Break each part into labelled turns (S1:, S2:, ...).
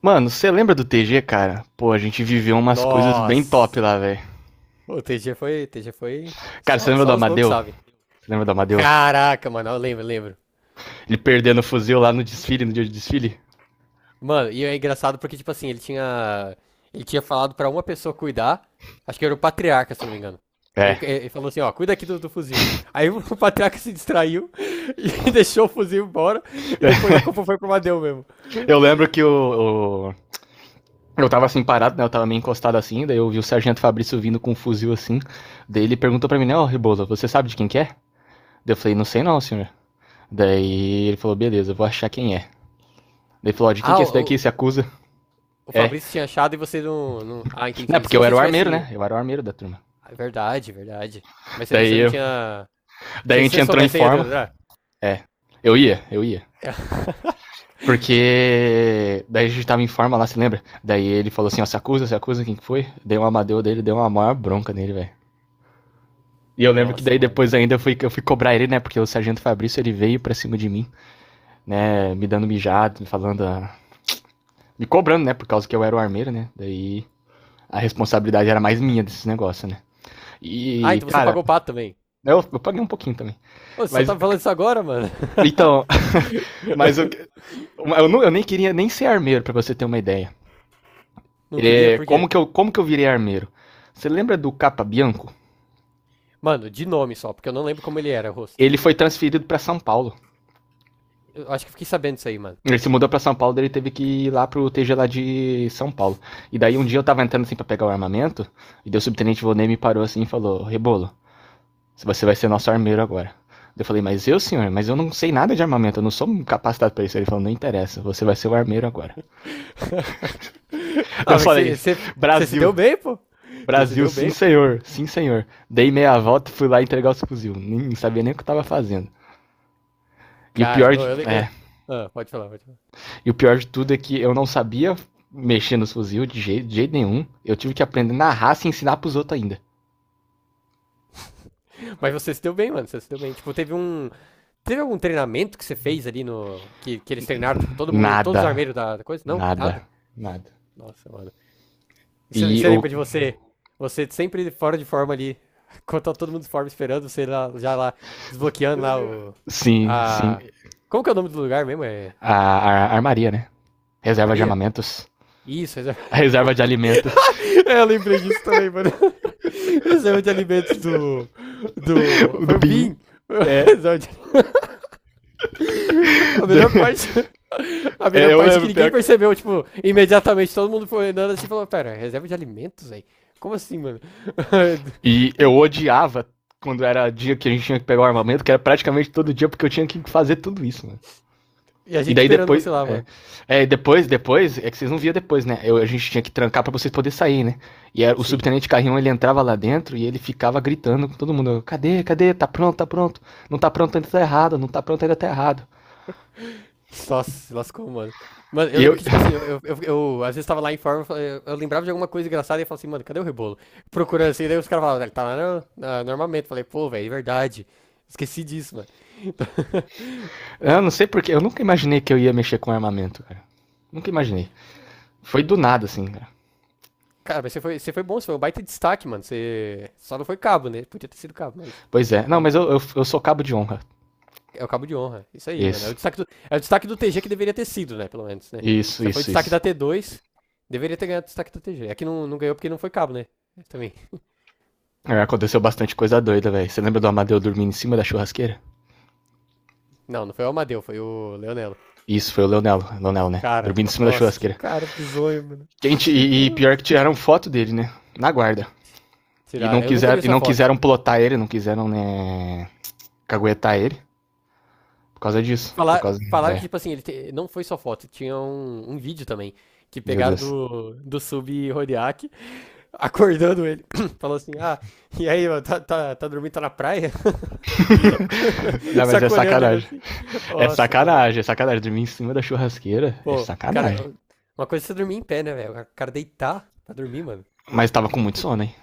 S1: Mano, você lembra do TG, cara? Pô, a gente viveu umas coisas bem top
S2: Nossa!
S1: lá, velho.
S2: O TG foi, TG foi.
S1: Cara, você
S2: Só,
S1: lembra do
S2: só os loucos
S1: Amadeu?
S2: sabem.
S1: Você lembra do Amadeu?
S2: Caraca, mano, eu lembro, lembro.
S1: Ele perdendo o fuzil lá no desfile, no dia de desfile?
S2: Mano, e é engraçado porque, tipo assim, ele tinha falado pra uma pessoa cuidar. Acho que era o patriarca, se eu não me engano. Ele,
S1: É.
S2: ele falou assim, ó, cuida aqui do fuzil. Aí o patriarca se distraiu e deixou o fuzil embora. E depois a culpa foi pro Madeu mesmo.
S1: Eu lembro que eu tava assim parado, né? Eu tava meio encostado assim, daí eu vi o Sargento Fabrício vindo com um fuzil assim. Daí ele perguntou pra mim, né, ó, Rebolo, você sabe de quem que é? Daí eu falei, não sei não, senhor. Daí ele falou, beleza, eu vou achar quem é. Daí falou, ó, de quem
S2: Ah,
S1: que é
S2: o,
S1: esse daqui? Se
S2: o
S1: acusa?
S2: o
S1: É.
S2: Fabrício tinha achado e você não. Ah, entendi.
S1: Não,
S2: E
S1: porque
S2: se
S1: eu
S2: você
S1: era o armeiro, né?
S2: tivesse.
S1: Eu era o armeiro da turma.
S2: Ah, verdade, verdade. Mas
S1: Daí,
S2: você não
S1: eu,
S2: tinha.
S1: daí a
S2: Se
S1: gente
S2: você
S1: entrou em
S2: soubesse, você ia
S1: forma.
S2: adorar.
S1: É. Eu ia, eu ia. Porque daí a gente tava em forma lá, se lembra? Daí ele falou assim, ó, se acusa, se acusa quem que foi. Dei uma amadeu dele, deu uma maior bronca nele, velho. E eu lembro que
S2: Nossa,
S1: daí
S2: mano.
S1: depois ainda eu fui cobrar ele, né? Porque o Sargento Fabrício, ele veio pra cima de mim, né? Me dando mijado, me falando, me cobrando, né? Por causa que eu era o armeiro, né? Daí a responsabilidade era mais minha desses negócios, né?
S2: Ah,
S1: E,
S2: então você
S1: cara,
S2: pagou o pato também.
S1: eu paguei um pouquinho também.
S2: Ô, você só
S1: Mas,
S2: tá falando isso agora, mano.
S1: então, mas eu, eu, eu nem queria nem ser armeiro, pra você ter uma ideia.
S2: Não queria?
S1: É,
S2: Por quê?
S1: como que eu virei armeiro? Você lembra do Capa Bianco?
S2: Mano, de nome só, porque eu não lembro como ele era, o rosto.
S1: Ele foi transferido para São Paulo.
S2: Eu acho que eu fiquei sabendo disso aí, mano.
S1: Ele se mudou para São Paulo, daí ele teve que ir lá pro TG lá de São Paulo. E daí um dia eu tava entrando assim para pegar o armamento, e daí o subtenente Volney me parou assim e falou: "Rebolo, você vai ser nosso armeiro agora". Eu falei: "Mas eu, senhor, mas eu não sei nada de armamento, eu não sou capacitado para isso". Ele falou: "Não interessa, você vai ser o armeiro agora". Daí eu
S2: Ah, mas
S1: falei:
S2: você se
S1: "Brasil,
S2: deu bem, pô. Você se
S1: Brasil,
S2: deu
S1: sim
S2: bem, pô.
S1: senhor, sim senhor". Dei meia volta e fui lá entregar os fuzil, nem sabia nem o que eu tava fazendo. E o
S2: Cara,
S1: pior
S2: ô,
S1: de,
S2: eu.
S1: é,
S2: Ah, pode falar, pode falar.
S1: e o pior de tudo é que eu não sabia mexer nos fuzil de jeito nenhum. Eu tive que aprender na raça e ensinar pros outros ainda.
S2: Mas você se deu bem, mano. Você se deu bem. Tipo, teve um. Teve algum treinamento que você fez ali no. Que eles treinaram, tipo, todo mundo. Todos os
S1: Nada.
S2: armeiros da coisa? Não?
S1: Nada.
S2: Nada?
S1: Nada.
S2: Nossa, mano. E Você
S1: E
S2: você
S1: o.
S2: lembra de você? Você sempre fora de forma ali. Quando tá todo mundo de forma esperando, você lá, já lá, desbloqueando lá o.
S1: Sim, sim.
S2: A. Como que é o nome do lugar mesmo? É.
S1: A armaria, né? Reserva de
S2: Armaria?
S1: armamentos.
S2: Isso, reserva.
S1: A reserva de alimentos.
S2: É, eu lembrei disso também, mano. Reserva de alimentos do. Do.
S1: O
S2: Foi
S1: do
S2: o
S1: BIM.
S2: Bin.
S1: É.
S2: Reserva de- A melhor parte. A
S1: É,
S2: melhor
S1: eu
S2: parte que
S1: lembro.
S2: ninguém percebeu, tipo, imediatamente todo mundo foi andando assim e falou: Pera, reserva de alimentos, velho? Como assim, mano?
S1: E eu odiava quando era dia que a gente tinha que pegar o armamento, que era praticamente todo dia, porque eu tinha que fazer tudo isso, né?
S2: E a
S1: E
S2: gente
S1: daí
S2: esperando
S1: depois.
S2: você lá, mano.
S1: É que vocês não viam depois, né? A gente tinha que trancar para vocês poderem sair, né? O
S2: Sim.
S1: subtenente Carrião ele entrava lá dentro e ele ficava gritando com todo mundo: cadê, cadê? Tá pronto, tá pronto. Não tá pronto ainda tá errado, não tá pronto ainda tá errado.
S2: Só se lascou, mano. Mano, eu
S1: E eu,
S2: lembro que, tipo assim, eu, às vezes tava lá em forma, eu lembrava de alguma coisa engraçada e eu falava assim, mano, cadê o rebolo? Procurando assim, daí os caras falavam, ele tá lá no armamento. Falei, pô, velho, é verdade. Esqueci disso, mano.
S1: eu não sei porque, eu nunca imaginei que eu ia mexer com armamento, cara. Nunca imaginei. Foi do nada, assim, cara.
S2: Cara, mas você foi bom, você foi um baita destaque, mano. Você só não foi cabo, né? Podia ter sido cabo, mas.
S1: Pois é. Não,
S2: É,
S1: mas eu sou cabo de honra.
S2: é o cabo de honra. Isso aí, mano. É
S1: Isso,
S2: o destaque do, é o destaque do TG que deveria ter sido, né? Pelo menos, né?
S1: isso,
S2: Você foi
S1: isso,
S2: destaque da
S1: isso.
S2: T dois deveria ter ganhado o destaque da TG. É que não, não ganhou porque não foi cabo, né? Também.
S1: É, aconteceu bastante coisa doida, velho. Você lembra do Amadeu dormindo em cima da churrasqueira?
S2: Não, não foi o Amadeu, foi o Leonelo.
S1: Isso, foi o Leonel, Leonel, né?
S2: Cara,
S1: Dormindo em cima da
S2: nossa, que
S1: churrasqueira.
S2: cara bizonho, mano.
S1: Gente, e pior que tiraram foto dele, né? Na guarda.
S2: Tiraram. Eu nunca vi
S1: E
S2: essa
S1: não
S2: foto.
S1: quiseram plotar ele, não quiseram, né, caguetar ele. Por causa disso. Por
S2: Falar,
S1: causa.
S2: falaram que,
S1: É,
S2: tipo assim, não foi só foto, tinha um vídeo também. Que
S1: meu
S2: pegaram
S1: Deus.
S2: do sub Rodiak, acordando ele. Falou assim: Ah, e aí, mano, tá dormindo, tá na praia? Acordando,
S1: Não, mas é
S2: sacolhando ele
S1: sacanagem.
S2: assim.
S1: É
S2: Nossa, mano.
S1: sacanagem, é sacanagem. Dormir em cima da churrasqueira é
S2: Pô,
S1: sacanagem.
S2: cara, uma coisa é você dormir em pé, né, velho? O cara deitar pra dormir, mano.
S1: Mas tava com muito sono, hein?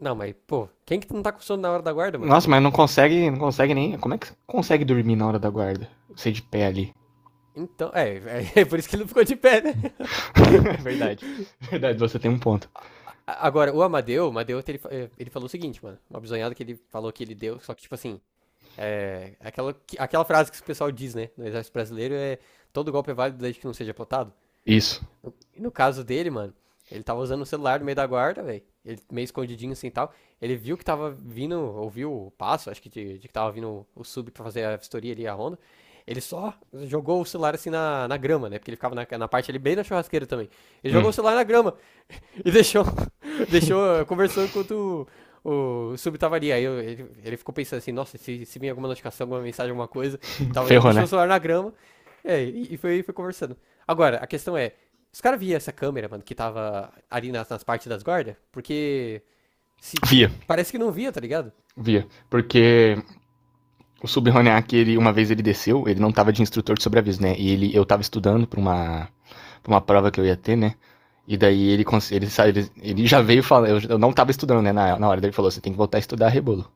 S2: Não, mas, pô, quem que não tá com sono na hora da guarda, mano?
S1: Nossa, mas não consegue, não consegue nem. Como é que você consegue dormir na hora da guarda? Você de pé ali.
S2: Então, é por isso que ele não ficou de pé, né?
S1: É verdade. É verdade, você tem um ponto.
S2: A- Agora, o Amadeu, ele falou o seguinte, mano, uma bisonhada que ele falou que ele deu, só que, tipo assim, é, aquela frase que o pessoal diz, né, no exército brasileiro é, todo golpe é válido desde que não seja plotado.
S1: Isso.
S2: E no caso dele, mano, ele tava usando o celular no meio da guarda, velho. Ele meio escondidinho assim e tal. Ele viu que tava vindo, ouviu o passo, acho que de que tava vindo o sub pra fazer a vistoria ali, a ronda. Ele só jogou o celular assim na grama, né? Porque ele ficava na parte ali bem na churrasqueira também. Ele jogou
S1: Hum.
S2: o celular na grama e deixou. Deixou, conversou enquanto o sub tava ali. Aí ele ficou pensando assim, nossa, se vir alguma notificação, alguma mensagem, alguma coisa, tal. Mas ele
S1: Ferrou,
S2: deixou o
S1: né?
S2: celular na grama, e foi conversando. Agora, a questão é, os caras viam essa câmera, mano, que tava ali nas partes das guardas? Porque se
S1: Via,
S2: parece que não via, tá ligado?
S1: via. Porque o Subhoniak, ele, uma vez ele desceu, ele não tava de instrutor de sobreaviso, né? Eu tava estudando pra uma, prova que eu ia ter, né? E daí ele já veio falando, eu não tava estudando, né? Na hora daí ele falou, você tem que voltar a estudar rebolo.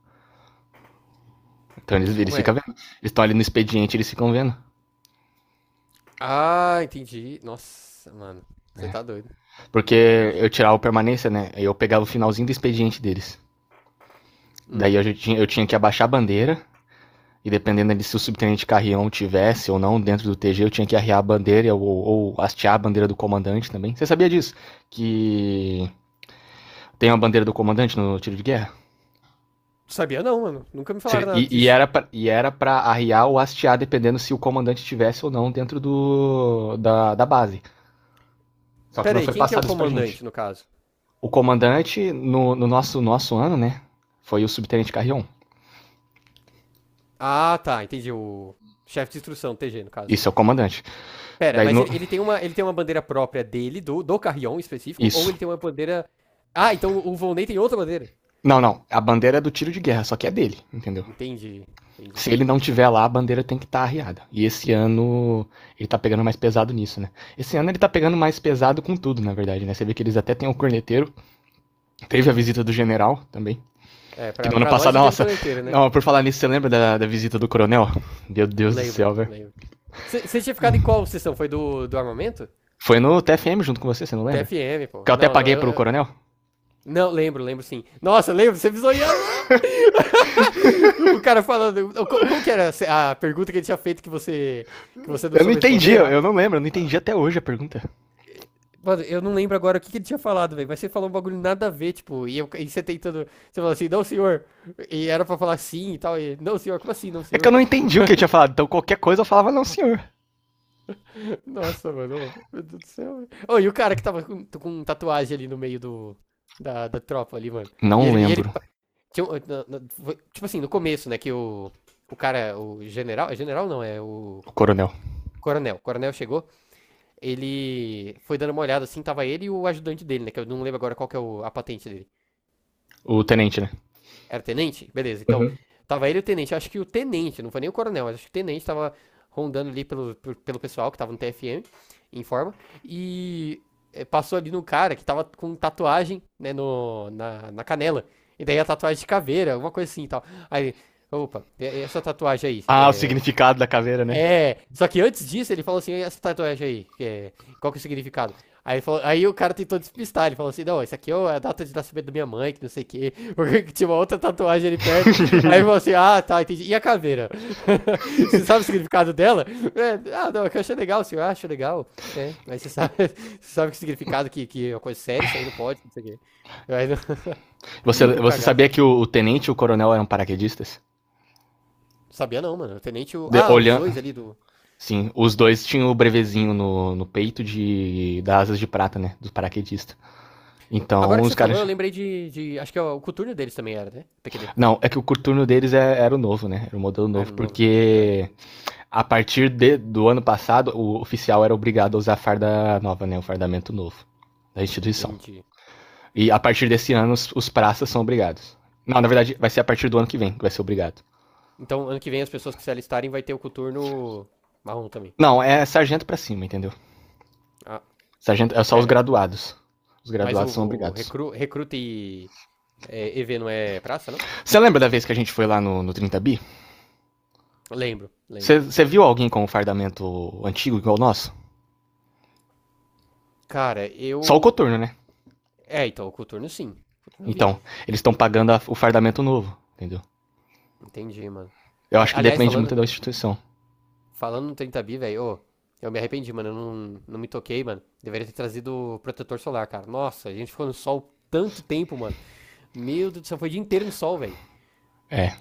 S1: Então eles
S2: Ué,
S1: ficam vendo. Eles estão ali no expediente, eles ficam vendo.
S2: ah, entendi. Nossa, mano, você tá doido.
S1: Porque
S2: É.
S1: eu tirava o permanência, né? Eu pegava o finalzinho do expediente deles.
S2: Hum.
S1: Daí eu tinha que abaixar a bandeira, e dependendo de se o subtenente Carrião tivesse ou não dentro do TG, eu tinha que arriar a bandeira ou hastear a bandeira do comandante também. Você sabia disso? Que tem uma bandeira do comandante no tiro de guerra?
S2: Sabia não, mano. Nunca me falaram nada
S1: E, e
S2: disso.
S1: era pra, e era pra arriar ou hastear dependendo se o comandante tivesse ou não dentro da base. Só que
S2: Pera
S1: não
S2: aí,
S1: foi
S2: quem que é o
S1: passado isso pra gente.
S2: comandante, no caso?
S1: O comandante, no nosso ano, né? Foi o subtenente Carrion.
S2: Ah, tá, entendi. O chefe de instrução, TG, no caso.
S1: Isso é o comandante.
S2: Pera,
S1: Daí
S2: mas
S1: no.
S2: ele tem uma bandeira própria dele, do Carrion em específico, ou
S1: Isso.
S2: ele tem uma bandeira. Ah, então o Volney tem outra bandeira.
S1: Não, não. A bandeira é do tiro de guerra, só que é dele, entendeu?
S2: Entendi, entendi.
S1: Se ele não tiver lá, a bandeira tem que estar arriada. E esse ano ele tá pegando mais pesado nisso, né? Esse ano ele tá pegando mais pesado com tudo, na verdade, né? Você vê que eles até têm o corneteiro. Teve a visita do general também.
S2: É,
S1: Que
S2: pra,
S1: no ano
S2: pra nós
S1: passado,
S2: não teve
S1: nossa.
S2: coleteiro, né?
S1: Não, por falar nisso, você lembra da visita do coronel? Meu Deus do
S2: Lembro,
S1: céu, velho.
S2: lembro. Você tinha ficado em qual sessão? Foi do armamento?
S1: Foi no TFM junto com você, você não lembra?
S2: TFM, pô.
S1: Que eu até
S2: Não, não,
S1: paguei pro coronel?
S2: Não, lembro, lembro sim. Nossa, lembro, você visonhando lá! O cara falando. Como que era a pergunta que ele tinha feito que você. Que você não
S1: Eu não
S2: soube
S1: entendi,
S2: responder?
S1: eu não lembro, eu não entendi até hoje a pergunta.
S2: Mano, eu não lembro agora o que, que ele tinha falado, velho. Mas você falou um bagulho nada a ver, tipo, e você tentando. Você falou assim, não, senhor. E era pra falar sim e tal. E, não, senhor, como assim, não,
S1: É que eu
S2: senhor?
S1: não entendi o que ele tinha falado, então qualquer coisa eu falava, não, senhor.
S2: Nossa, mano. Ô, meu Deus do céu, velho. Ô, e o cara que tava com tatuagem ali no meio do, da tropa ali, mano.
S1: Não
S2: E ele
S1: lembro.
S2: tinha um- tipo assim, no começo, né, que o. O cara, o general. É general não, é o.
S1: O coronel.
S2: Coronel. O coronel chegou. Ele foi dando uma olhada assim, tava ele e o ajudante dele, né? Que eu não lembro agora qual que é a patente dele.
S1: O tenente, né?
S2: Era tenente? Beleza, então.
S1: Uhum.
S2: Tava ele e o tenente. Acho que o tenente, não foi nem o coronel, mas acho que o tenente tava rondando ali pelo pessoal que tava no TFM, em forma. E passou ali no cara que tava com tatuagem, né, no, na canela. E daí a tatuagem de caveira, alguma coisa assim e tal. Aí, opa, essa tatuagem aí,
S1: Ah, o significado da caveira, né?
S2: só que antes disso ele falou assim, "E essa tatuagem aí, que qual que é o significado? Aí, aí o cara tentou despistar, ele falou assim, não, isso aqui é a data de nascimento da minha mãe, que não sei o quê, porque tinha uma outra tatuagem ali perto. Aí ele falou assim, ah, tá, entendi. E a caveira? Você sabe o significado dela? É, ah, não, é que eu achei legal, senhor, ah, acho legal, né? Mas você sabe, você sabe que significado que é uma coisa séria, isso aí não pode, não sei o quê. Aí,
S1: Você,
S2: o
S1: você
S2: cagaço.
S1: sabia que o tenente e o coronel eram paraquedistas?
S2: Sabia não, mano. O tenente.
S1: De,
S2: Ah, os
S1: olhando.
S2: dois ali do.
S1: Sim, os dois tinham o brevezinho no peito de das asas de prata, né? Dos paraquedistas. Então,
S2: Agora que
S1: os
S2: você falou, eu
S1: caras.
S2: lembrei acho que é o coturno deles também era, né? PQD.
S1: Não, é que o turno deles era o novo, né? Era o modelo
S2: Ah, era
S1: novo,
S2: novo. Ah,
S1: porque
S2: entendi.
S1: a partir do ano passado, o oficial era obrigado a usar a farda nova, né? O fardamento novo da instituição.
S2: Entendi.
S1: E a partir desse ano, os praças são obrigados. Não, na verdade, vai ser a partir do ano que vem que vai ser obrigado.
S2: Então, ano que vem, as pessoas que se alistarem vai ter o coturno marrom também.
S1: Não, é sargento pra cima, entendeu?
S2: Ah,
S1: Sargento é só os
S2: pera.
S1: graduados. Os
S2: Mas o,
S1: graduados são
S2: o
S1: obrigados.
S2: recru, recruta e é, EV não é praça, não?
S1: Você lembra da vez que a gente foi lá no 30 Bi?
S2: Lembro, lembro.
S1: Você viu alguém com um fardamento antigo igual o nosso?
S2: Cara,
S1: Só o
S2: eu.
S1: coturno, né?
S2: É, então, o coturno sim. O coturno eu vi.
S1: Então, eles estão pagando o fardamento novo, entendeu?
S2: Entendi, mano.
S1: Eu acho que
S2: Aliás,
S1: depende muito
S2: falando,
S1: da instituição.
S2: no 30 bi, velho, ô, eu me arrependi, mano. Eu não, não me toquei, mano. Deveria ter trazido protetor solar, cara. Nossa, a gente ficou no sol tanto tempo, mano. Meu Deus do céu, foi o dia inteiro no sol, velho.
S1: É.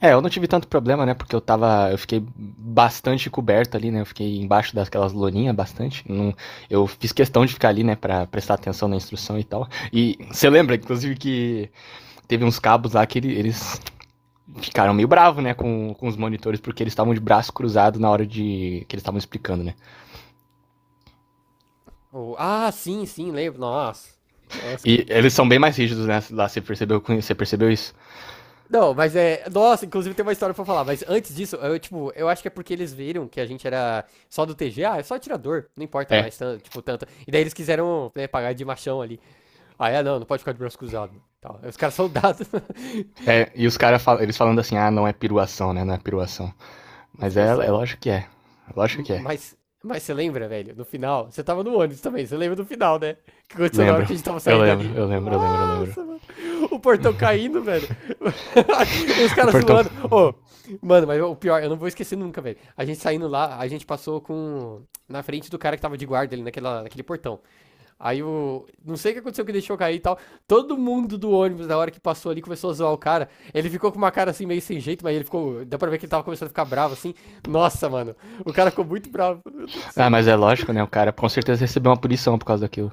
S1: É, eu não tive tanto problema, né? Porque eu tava. Eu fiquei bastante coberto ali, né? Eu fiquei embaixo daquelas loninhas bastante. Não, eu fiz questão de ficar ali, né? Pra prestar atenção na instrução e tal. E você lembra, inclusive, que teve uns cabos lá que eles ficaram meio bravos, né, com os monitores, porque eles estavam de braço cruzado na hora de. Que eles estavam explicando, né.
S2: Oh, ah, sim, sim, lembro. Nossa. Nossa, que.
S1: E eles são bem mais rígidos, né? Lá você percebeu isso?
S2: Não, mas é. Nossa, inclusive tem uma história pra falar. Mas antes disso, eu, tipo, eu acho que é porque eles viram que a gente era só do T G. Ah, é só atirador. Não importa
S1: É.
S2: mais, tipo, tanto. E daí eles quiseram né, pagar de machão ali. Ah, é, não, não pode ficar de braço cruzado. Tal. Aí os caras soldados.
S1: É e eles falando assim, ah, não é piruação, né? Não é piruação. Mas é
S2: Operação.
S1: lógico que é. Lógico que é.
S2: Mas, mas você lembra, velho, no final? Você tava no ônibus também, você lembra do final, né? O que aconteceu na hora
S1: Lembro.
S2: que a gente tava
S1: Eu
S2: saindo
S1: lembro,
S2: ali?
S1: eu lembro, eu lembro, eu lembro.
S2: Nossa, mano. O portão caindo, velho. E os
S1: O
S2: caras
S1: portão.
S2: zoando. Ô, mano, mas o pior, eu não vou esquecer nunca, velho. A gente saindo lá, a gente passou com. Na frente do cara que tava de guarda ali naquela, naquele portão. Aí o. Não sei o que aconteceu que deixou cair e tal. Todo mundo do ônibus, na hora que passou ali, começou a zoar o cara. Ele ficou com uma cara assim, meio sem jeito, mas ele ficou. Dá pra ver que ele tava começando a ficar bravo assim. Nossa, mano. O cara ficou muito bravo. Meu Deus do
S1: Ah,
S2: céu,
S1: mas
S2: velho.
S1: é lógico, né? O cara com certeza recebeu uma punição por causa daquilo.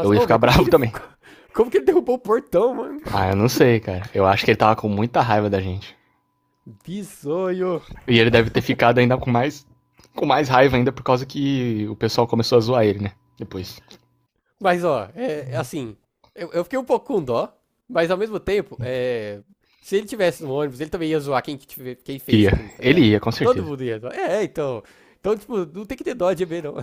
S1: Eu ia
S2: Ô, oh,
S1: ficar
S2: mas como que
S1: bravo
S2: ele.
S1: também.
S2: Como que ele derrubou o portão, mano?
S1: Ah, eu não sei, cara. Eu acho que ele tava com muita raiva da gente.
S2: Bizonho.
S1: E ele deve ter ficado ainda com mais raiva ainda por causa que o pessoal começou a zoar ele, né? Depois.
S2: Mas, ó, é assim. Eu fiquei um pouco com dó, mas ao mesmo tempo, é. Se ele tivesse no ônibus, ele também ia zoar quem fez
S1: Ia.
S2: aquilo, tá
S1: Ele
S2: ligado?
S1: ia, com
S2: Todo
S1: certeza.
S2: mundo ia zoar. É, então. Então, tipo, não tem que ter dó de EB, não.